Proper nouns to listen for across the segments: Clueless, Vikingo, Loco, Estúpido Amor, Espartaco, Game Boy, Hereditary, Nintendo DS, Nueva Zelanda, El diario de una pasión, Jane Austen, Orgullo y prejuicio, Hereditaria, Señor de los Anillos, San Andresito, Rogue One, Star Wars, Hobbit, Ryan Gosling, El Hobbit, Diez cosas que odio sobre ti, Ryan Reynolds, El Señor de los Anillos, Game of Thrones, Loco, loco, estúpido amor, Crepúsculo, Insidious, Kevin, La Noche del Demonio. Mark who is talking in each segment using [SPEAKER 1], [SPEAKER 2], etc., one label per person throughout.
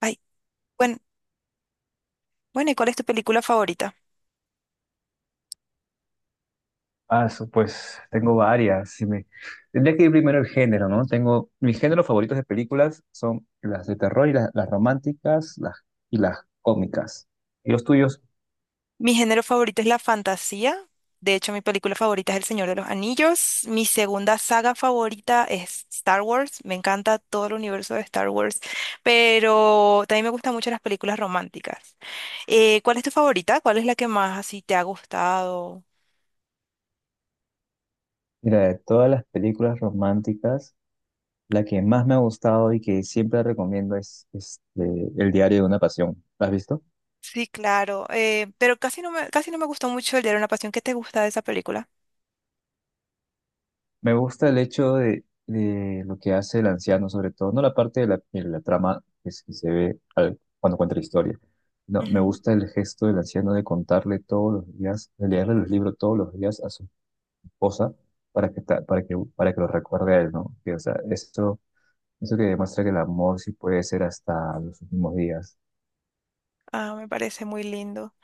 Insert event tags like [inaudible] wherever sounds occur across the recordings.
[SPEAKER 1] Ay, bueno, bueno, ¿y cuál es tu película favorita?
[SPEAKER 2] Ah, pues tengo varias. Si me... Tendría que ir primero el género, ¿no? Tengo mis géneros favoritos de películas son las de terror y las románticas y las cómicas. ¿Y los tuyos?
[SPEAKER 1] Mi género favorito es la fantasía. De hecho, mi película favorita es El Señor de los Anillos. Mi segunda saga favorita es Star Wars. Me encanta todo el universo de Star Wars, pero también me gustan mucho las películas románticas. ¿Cuál es tu favorita? ¿Cuál es la que más así te ha gustado?
[SPEAKER 2] Mira, de todas las películas románticas, la que más me ha gustado y que siempre recomiendo es, El diario de una pasión. ¿La has visto?
[SPEAKER 1] Sí, claro. Pero casi no me gustó mucho el diario de una pasión. ¿Qué te gusta de esa película?
[SPEAKER 2] Me gusta el hecho de lo que hace el anciano, sobre todo, no la parte de la trama que se ve cuando cuenta la historia. No, me
[SPEAKER 1] Ujú.
[SPEAKER 2] gusta el gesto del anciano de contarle todos los días, de leerle los libros todos los días a su esposa para que, ta- para que lo recuerde a él, ¿no? Que, o sea, eso que demuestra que el amor sí puede ser hasta los últimos días.
[SPEAKER 1] Ah, me parece muy lindo.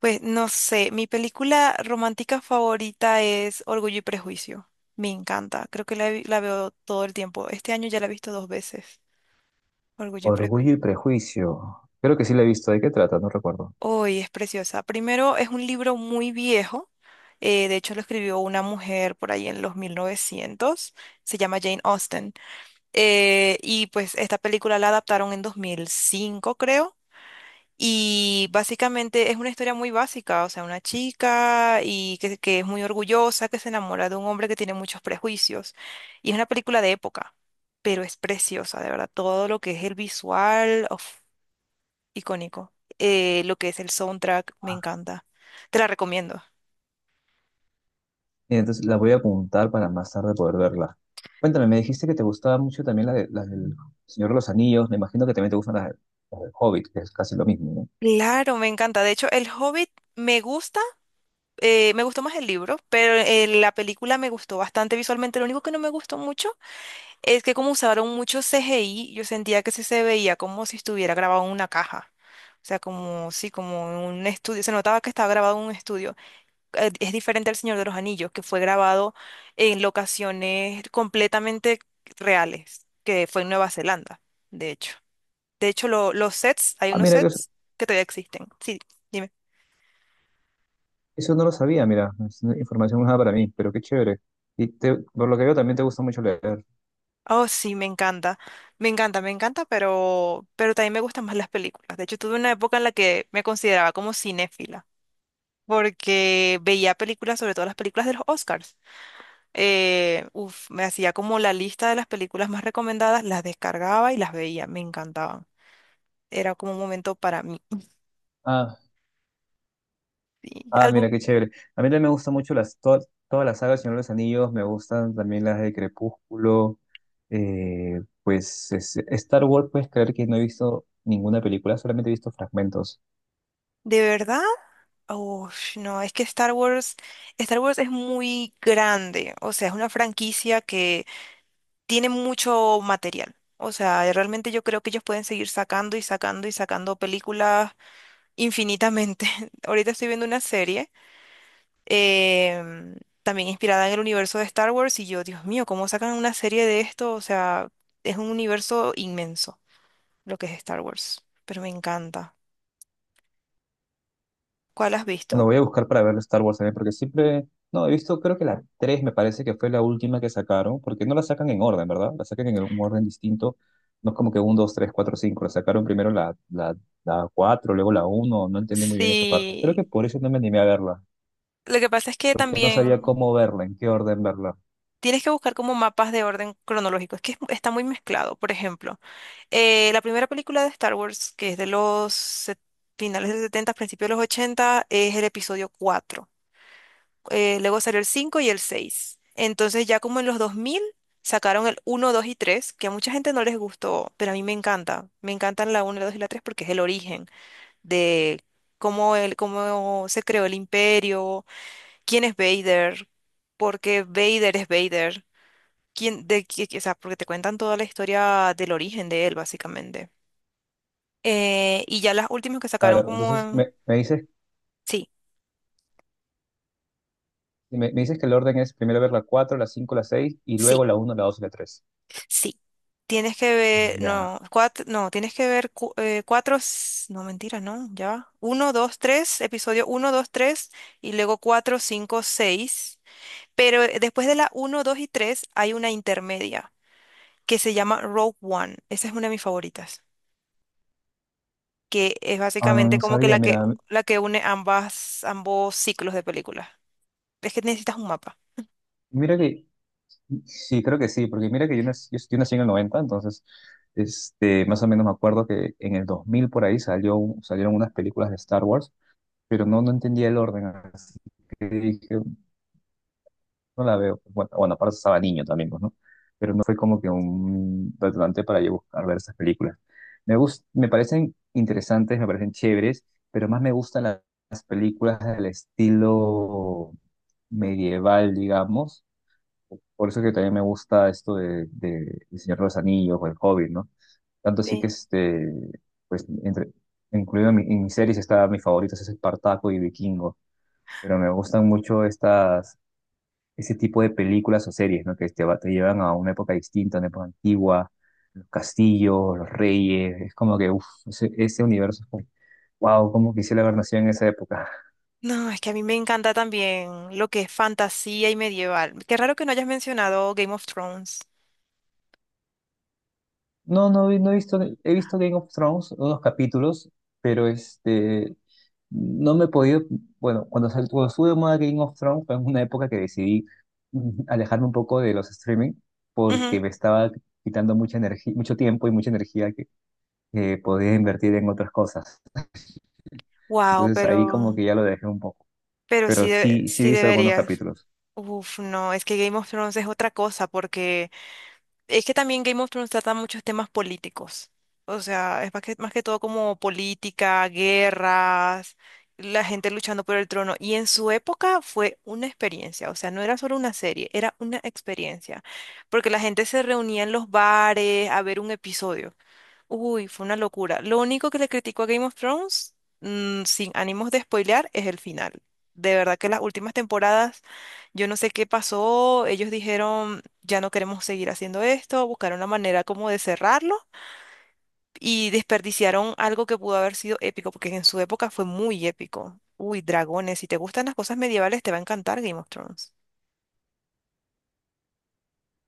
[SPEAKER 1] Pues no sé, mi película romántica favorita es Orgullo y Prejuicio. Me encanta, creo que la veo todo el tiempo. Este año ya la he visto dos veces, Orgullo y
[SPEAKER 2] Orgullo y
[SPEAKER 1] Prejuicio.
[SPEAKER 2] prejuicio. Creo que sí lo he visto. ¿De qué trata? No recuerdo.
[SPEAKER 1] Hoy es preciosa. Primero, es un libro muy viejo, de hecho lo escribió una mujer por ahí en los 1900. Se llama Jane Austen. Y pues esta película la adaptaron en 2005, creo. Y básicamente es una historia muy básica, o sea, una chica y que es muy orgullosa, que se enamora de un hombre que tiene muchos prejuicios. Y es una película de época, pero es preciosa, de verdad. Todo lo que es el visual, uf, icónico. Lo que es el soundtrack, me encanta. Te la recomiendo.
[SPEAKER 2] Mira, entonces la voy a apuntar para más tarde poder verla. Cuéntame, me dijiste que te gustaba mucho también la del Señor de los Anillos. Me imagino que también te gustan las del Hobbit, que es casi lo mismo, ¿no?
[SPEAKER 1] Claro, me encanta. De hecho, El Hobbit me gusta, me gustó más el libro, pero la película me gustó bastante visualmente. Lo único que no me gustó mucho es que como usaron mucho CGI, yo sentía que sí se veía como si estuviera grabado en una caja. O sea, como, sí, como en un estudio. Se notaba que estaba grabado en un estudio. Es diferente al Señor de los Anillos, que fue grabado en locaciones completamente reales, que fue en Nueva Zelanda, de hecho. De hecho, los sets, hay
[SPEAKER 2] Ah,
[SPEAKER 1] unos
[SPEAKER 2] mira, eso,
[SPEAKER 1] sets que todavía existen. Sí, dime.
[SPEAKER 2] eso no lo sabía, mira. Es una información nueva para mí, pero qué chévere. Y por lo que veo también te gusta mucho leer.
[SPEAKER 1] Oh, sí, me encanta. Me encanta, me encanta, pero también me gustan más las películas. De hecho, tuve una época en la que me consideraba como cinéfila, porque veía películas, sobre todo las películas de los Oscars. Me hacía como la lista de las películas más recomendadas, las descargaba y las veía, me encantaban. Era como un momento para mí.
[SPEAKER 2] Ah,
[SPEAKER 1] Sí,
[SPEAKER 2] ah,
[SPEAKER 1] algo.
[SPEAKER 2] mira, qué chévere. A mí también me gustan mucho todas las sagas del Señor de los Anillos. Me gustan también las de Crepúsculo. Pues Star Wars, puedes creer que no he visto ninguna película, solamente he visto fragmentos.
[SPEAKER 1] ¿De verdad? Uf, no, es que Star Wars, Star Wars es muy grande, o sea, es una franquicia que tiene mucho material. O sea, realmente yo creo que ellos pueden seguir sacando y sacando y sacando películas infinitamente. [laughs] Ahorita estoy viendo una serie em, también inspirada en el universo de Star Wars y yo, Dios mío, ¿cómo sacan una serie de esto? O sea, es un universo inmenso lo que es Star Wars, pero me encanta. ¿Cuál has
[SPEAKER 2] Lo
[SPEAKER 1] visto?
[SPEAKER 2] voy a buscar para ver Star Wars también, porque siempre, no, he visto, creo que la 3 me parece que fue la última que sacaron, porque no la sacan en orden, ¿verdad? La sacan en un orden distinto, no es como que 1, dos, tres, cuatro, cinco. La sacaron primero la cuatro, luego la uno. No entendí muy bien esa parte. Creo que
[SPEAKER 1] Sí,
[SPEAKER 2] por eso no me animé a verla,
[SPEAKER 1] lo que pasa es que
[SPEAKER 2] porque no sabía
[SPEAKER 1] también
[SPEAKER 2] cómo verla, en qué orden verla.
[SPEAKER 1] tienes que buscar como mapas de orden cronológico, es que está muy mezclado. Por ejemplo, la primera película de Star Wars, que es de los finales de los 70, principios de los 80 es el episodio cuatro. Luego salió el 5 y el 6. Entonces ya como en los 2000 sacaron el uno, 2 y 3, que a mucha gente no les gustó, pero a mí me encanta. Me encantan la uno, la 2 y la 3 porque es el origen de cómo, cómo se creó el imperio, quién es Vader, porque Vader es Vader. Quién, o sea, porque te cuentan toda la historia del origen de él, básicamente. Y ya las últimas que sacaron
[SPEAKER 2] Claro,
[SPEAKER 1] como...
[SPEAKER 2] entonces me, me dices,
[SPEAKER 1] sí,
[SPEAKER 2] me, me dices que el orden es primero ver la cuatro, la cinco, la 6 y luego
[SPEAKER 1] sí.
[SPEAKER 2] la uno, la 2 y la tres.
[SPEAKER 1] Sí, tienes que ver,
[SPEAKER 2] Ya,
[SPEAKER 1] no, cuatro, no, tienes que ver cuatro, no, mentira, no, ya va. Uno, dos, tres, episodio uno, dos, tres, y luego cuatro, cinco, seis. Pero después de la uno, dos y tres hay una intermedia que se llama Rogue One. Esa es una de mis favoritas, que es
[SPEAKER 2] ah, no,
[SPEAKER 1] básicamente
[SPEAKER 2] no
[SPEAKER 1] como que
[SPEAKER 2] sabía,
[SPEAKER 1] la que,
[SPEAKER 2] mira,
[SPEAKER 1] la que une ambos ciclos de películas. Es que necesitas un mapa.
[SPEAKER 2] mira que... Sí, creo que sí, porque mira que yo nací en el noventa. Entonces más o menos me acuerdo que en el 2000 por ahí salieron unas películas de Star Wars, pero no entendía el orden, así que dije, no la veo. Bueno, bueno, aparte estaba niño también, pues, ¿no? Pero no fue como que un detonante para yo buscar ver esas películas. Me parecen interesantes, me parecen chéveres, pero más me gustan las películas del estilo medieval, digamos, por eso que también me gusta esto de El Señor de los Anillos o El Hobbit, ¿no? Tanto así que,
[SPEAKER 1] Sí.
[SPEAKER 2] pues, incluido en mis series está mis favoritos, es Espartaco y Vikingo, pero me gustan mucho ese tipo de películas o series, ¿no? Que te llevan a una época distinta, una época antigua, los castillos, los reyes, es como que, uff, ese universo es como, wow, cómo quisiera haber nacido en esa época.
[SPEAKER 1] No, es que a mí me encanta también lo que es fantasía y medieval. Qué raro que no hayas mencionado Game of Thrones.
[SPEAKER 2] No, no, no he visto, he visto Game of Thrones, unos capítulos, pero no me he podido, bueno, cuando estuve de moda Game of Thrones fue en una época que decidí alejarme un poco de los streaming
[SPEAKER 1] Ujú.
[SPEAKER 2] porque me estaba quitando mucha energía, mucho tiempo y mucha energía que podía invertir en otras cosas.
[SPEAKER 1] Wow,
[SPEAKER 2] Entonces ahí
[SPEAKER 1] pero,
[SPEAKER 2] como que ya lo dejé un poco,
[SPEAKER 1] pero sí,
[SPEAKER 2] pero sí, sí he
[SPEAKER 1] sí
[SPEAKER 2] visto algunos
[SPEAKER 1] deberías.
[SPEAKER 2] capítulos.
[SPEAKER 1] Uf, no, es que Game of Thrones es otra cosa porque... Es que también Game of Thrones trata muchos temas políticos. O sea, es más que todo como política, guerras, la gente luchando por el trono. Y en su época fue una experiencia. O sea, no era solo una serie, era una experiencia. Porque la gente se reunía en los bares a ver un episodio. Uy, fue una locura. Lo único que le critico a Game of Thrones, sin ánimos de spoilear, es el final. De verdad que las últimas temporadas, yo no sé qué pasó, ellos dijeron, ya no queremos seguir haciendo esto, buscaron una manera como de cerrarlo y desperdiciaron algo que pudo haber sido épico, porque en su época fue muy épico. Uy, dragones, si te gustan las cosas medievales, te va a encantar Game of Thrones.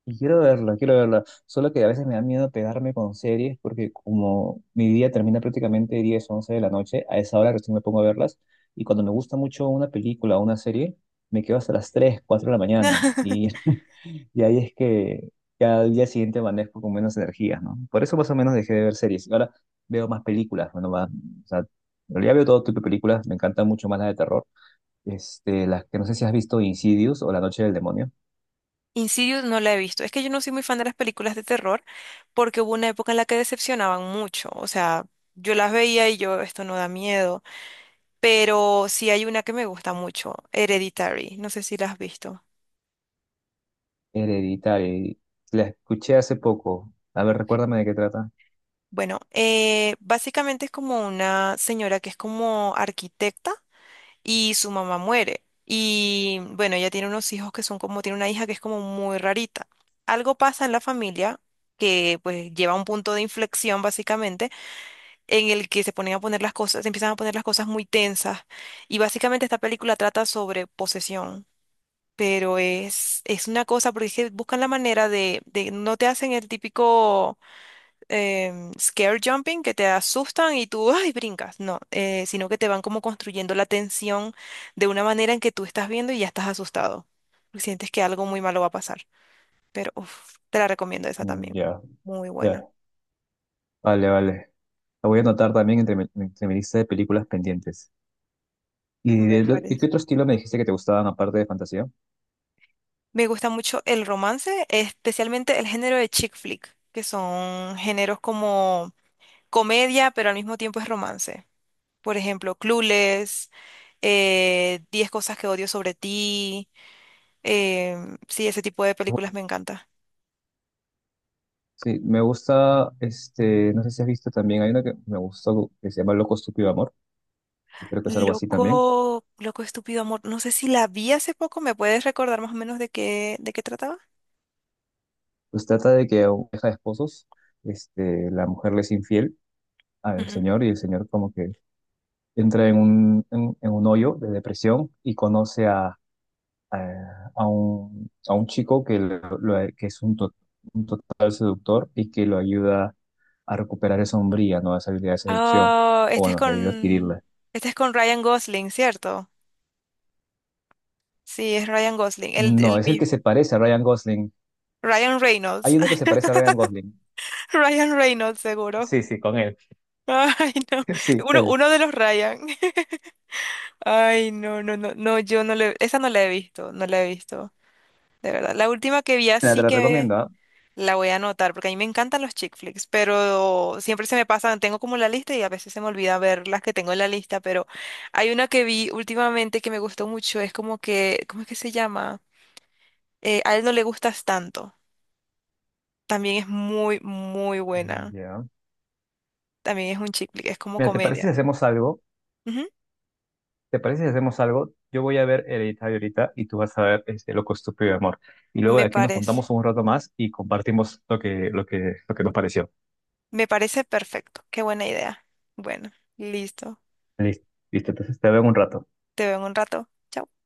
[SPEAKER 2] Y quiero verla, quiero verla. Solo que a veces me da miedo pegarme con series porque como mi día termina prácticamente 10, 11 de la noche, a esa hora recién me pongo a verlas. Y cuando me gusta mucho una película o una serie, me quedo hasta las 3, 4 de la mañana. Y,
[SPEAKER 1] [laughs]
[SPEAKER 2] [laughs] y ahí es que ya al día siguiente amanezco con menos energía, ¿no? Por eso más o menos dejé de ver series. Ahora veo más películas. Bueno, va, o sea, en realidad veo todo tipo de películas. Me encantan mucho más las de terror. Las que no sé si has visto Insidious o La Noche del Demonio.
[SPEAKER 1] Insidious no la he visto. Es que yo no soy muy fan de las películas de terror porque hubo una época en la que decepcionaban mucho. O sea, yo las veía y yo, esto no da miedo. Pero sí hay una que me gusta mucho, Hereditary. No sé si la has visto.
[SPEAKER 2] Hereditaria. La escuché hace poco. A ver, recuérdame de qué trata.
[SPEAKER 1] Bueno, básicamente es como una señora que es como arquitecta y su mamá muere. Y bueno, ella tiene unos hijos que son como, tiene una hija que es como muy rarita. Algo pasa en la familia que pues lleva a un punto de inflexión básicamente en el que se ponen a poner las cosas, se empiezan a poner las cosas muy tensas. Y básicamente esta película trata sobre posesión, pero es una cosa porque es que buscan la manera de no te hacen el típico scare jumping que te asustan y tú, [laughs] ay, brincas, no, sino que te van como construyendo la tensión de una manera en que tú estás viendo y ya estás asustado. Sientes que algo muy malo va a pasar, pero uf, te la recomiendo esa
[SPEAKER 2] Mm,
[SPEAKER 1] también.
[SPEAKER 2] ya,
[SPEAKER 1] Muy buena,
[SPEAKER 2] ya. Vale, vale. La voy a anotar también entre mi lista de películas pendientes. ¿Y
[SPEAKER 1] me
[SPEAKER 2] de
[SPEAKER 1] parece.
[SPEAKER 2] qué otro estilo me dijiste que te gustaban aparte de fantasía?
[SPEAKER 1] Me gusta mucho el romance, especialmente el género de chick flick, que son géneros como comedia, pero al mismo tiempo es romance. Por ejemplo, Clueless, Diez cosas que odio sobre ti. Sí, ese tipo de películas me encanta.
[SPEAKER 2] Sí, me gusta, no sé si has visto también, hay una que me gustó que se llama Loco, Estúpido Amor, que creo que es algo así también.
[SPEAKER 1] Loco, estúpido amor. No sé si la vi hace poco, ¿me puedes recordar más o menos de qué trataba?
[SPEAKER 2] Pues trata de que a una pareja de esposos, la mujer le es infiel al
[SPEAKER 1] Ujú.
[SPEAKER 2] señor y el señor como que entra en un hoyo de depresión y conoce a un chico que es un total seductor y que lo ayuda a recuperar esa hombría, ¿no? Esa habilidad de seducción.
[SPEAKER 1] Ah,
[SPEAKER 2] O
[SPEAKER 1] este es
[SPEAKER 2] bueno, le ayuda a
[SPEAKER 1] con,
[SPEAKER 2] adquirirla.
[SPEAKER 1] este es con Ryan Gosling, ¿cierto? Sí, es Ryan Gosling, el,
[SPEAKER 2] No,
[SPEAKER 1] el
[SPEAKER 2] es el que
[SPEAKER 1] mismo.
[SPEAKER 2] se parece a Ryan Gosling.
[SPEAKER 1] Ryan Reynolds.
[SPEAKER 2] Hay uno que se parece a Ryan Gosling.
[SPEAKER 1] [laughs] Ryan Reynolds, seguro.
[SPEAKER 2] Sí, sí, con él.
[SPEAKER 1] [laughs] Ay, no.
[SPEAKER 2] [laughs] Sí,
[SPEAKER 1] Uno,
[SPEAKER 2] él.
[SPEAKER 1] uno de los Ryan. [laughs] Ay, no, no, no, no, yo no le, esa no la he visto, no la he visto, de verdad. La última que vi
[SPEAKER 2] Mira,
[SPEAKER 1] así
[SPEAKER 2] te lo
[SPEAKER 1] que
[SPEAKER 2] recomiendo, ¿ah?
[SPEAKER 1] la voy a anotar, porque a mí me encantan los chick flicks, pero siempre se me pasan, tengo como la lista y a veces se me olvida ver las que tengo en la lista, pero hay una que vi últimamente que me gustó mucho, es como que, ¿cómo es que se llama? A él no le gustas tanto, también es muy, muy buena,
[SPEAKER 2] Ya.
[SPEAKER 1] también es un chick flick, es como
[SPEAKER 2] Mira, ¿te parece si
[SPEAKER 1] comedia.
[SPEAKER 2] hacemos algo? ¿Te parece si hacemos algo? Yo voy a ver Hereditario ahorita y tú vas a ver este Loco, Estúpido de Amor. Y luego
[SPEAKER 1] Me
[SPEAKER 2] de aquí nos juntamos
[SPEAKER 1] parece,
[SPEAKER 2] un rato más y compartimos lo que nos pareció.
[SPEAKER 1] me parece perfecto. Qué buena idea. Bueno, listo.
[SPEAKER 2] Listo, listo, entonces te veo en un rato.
[SPEAKER 1] Te veo en un rato. Chao.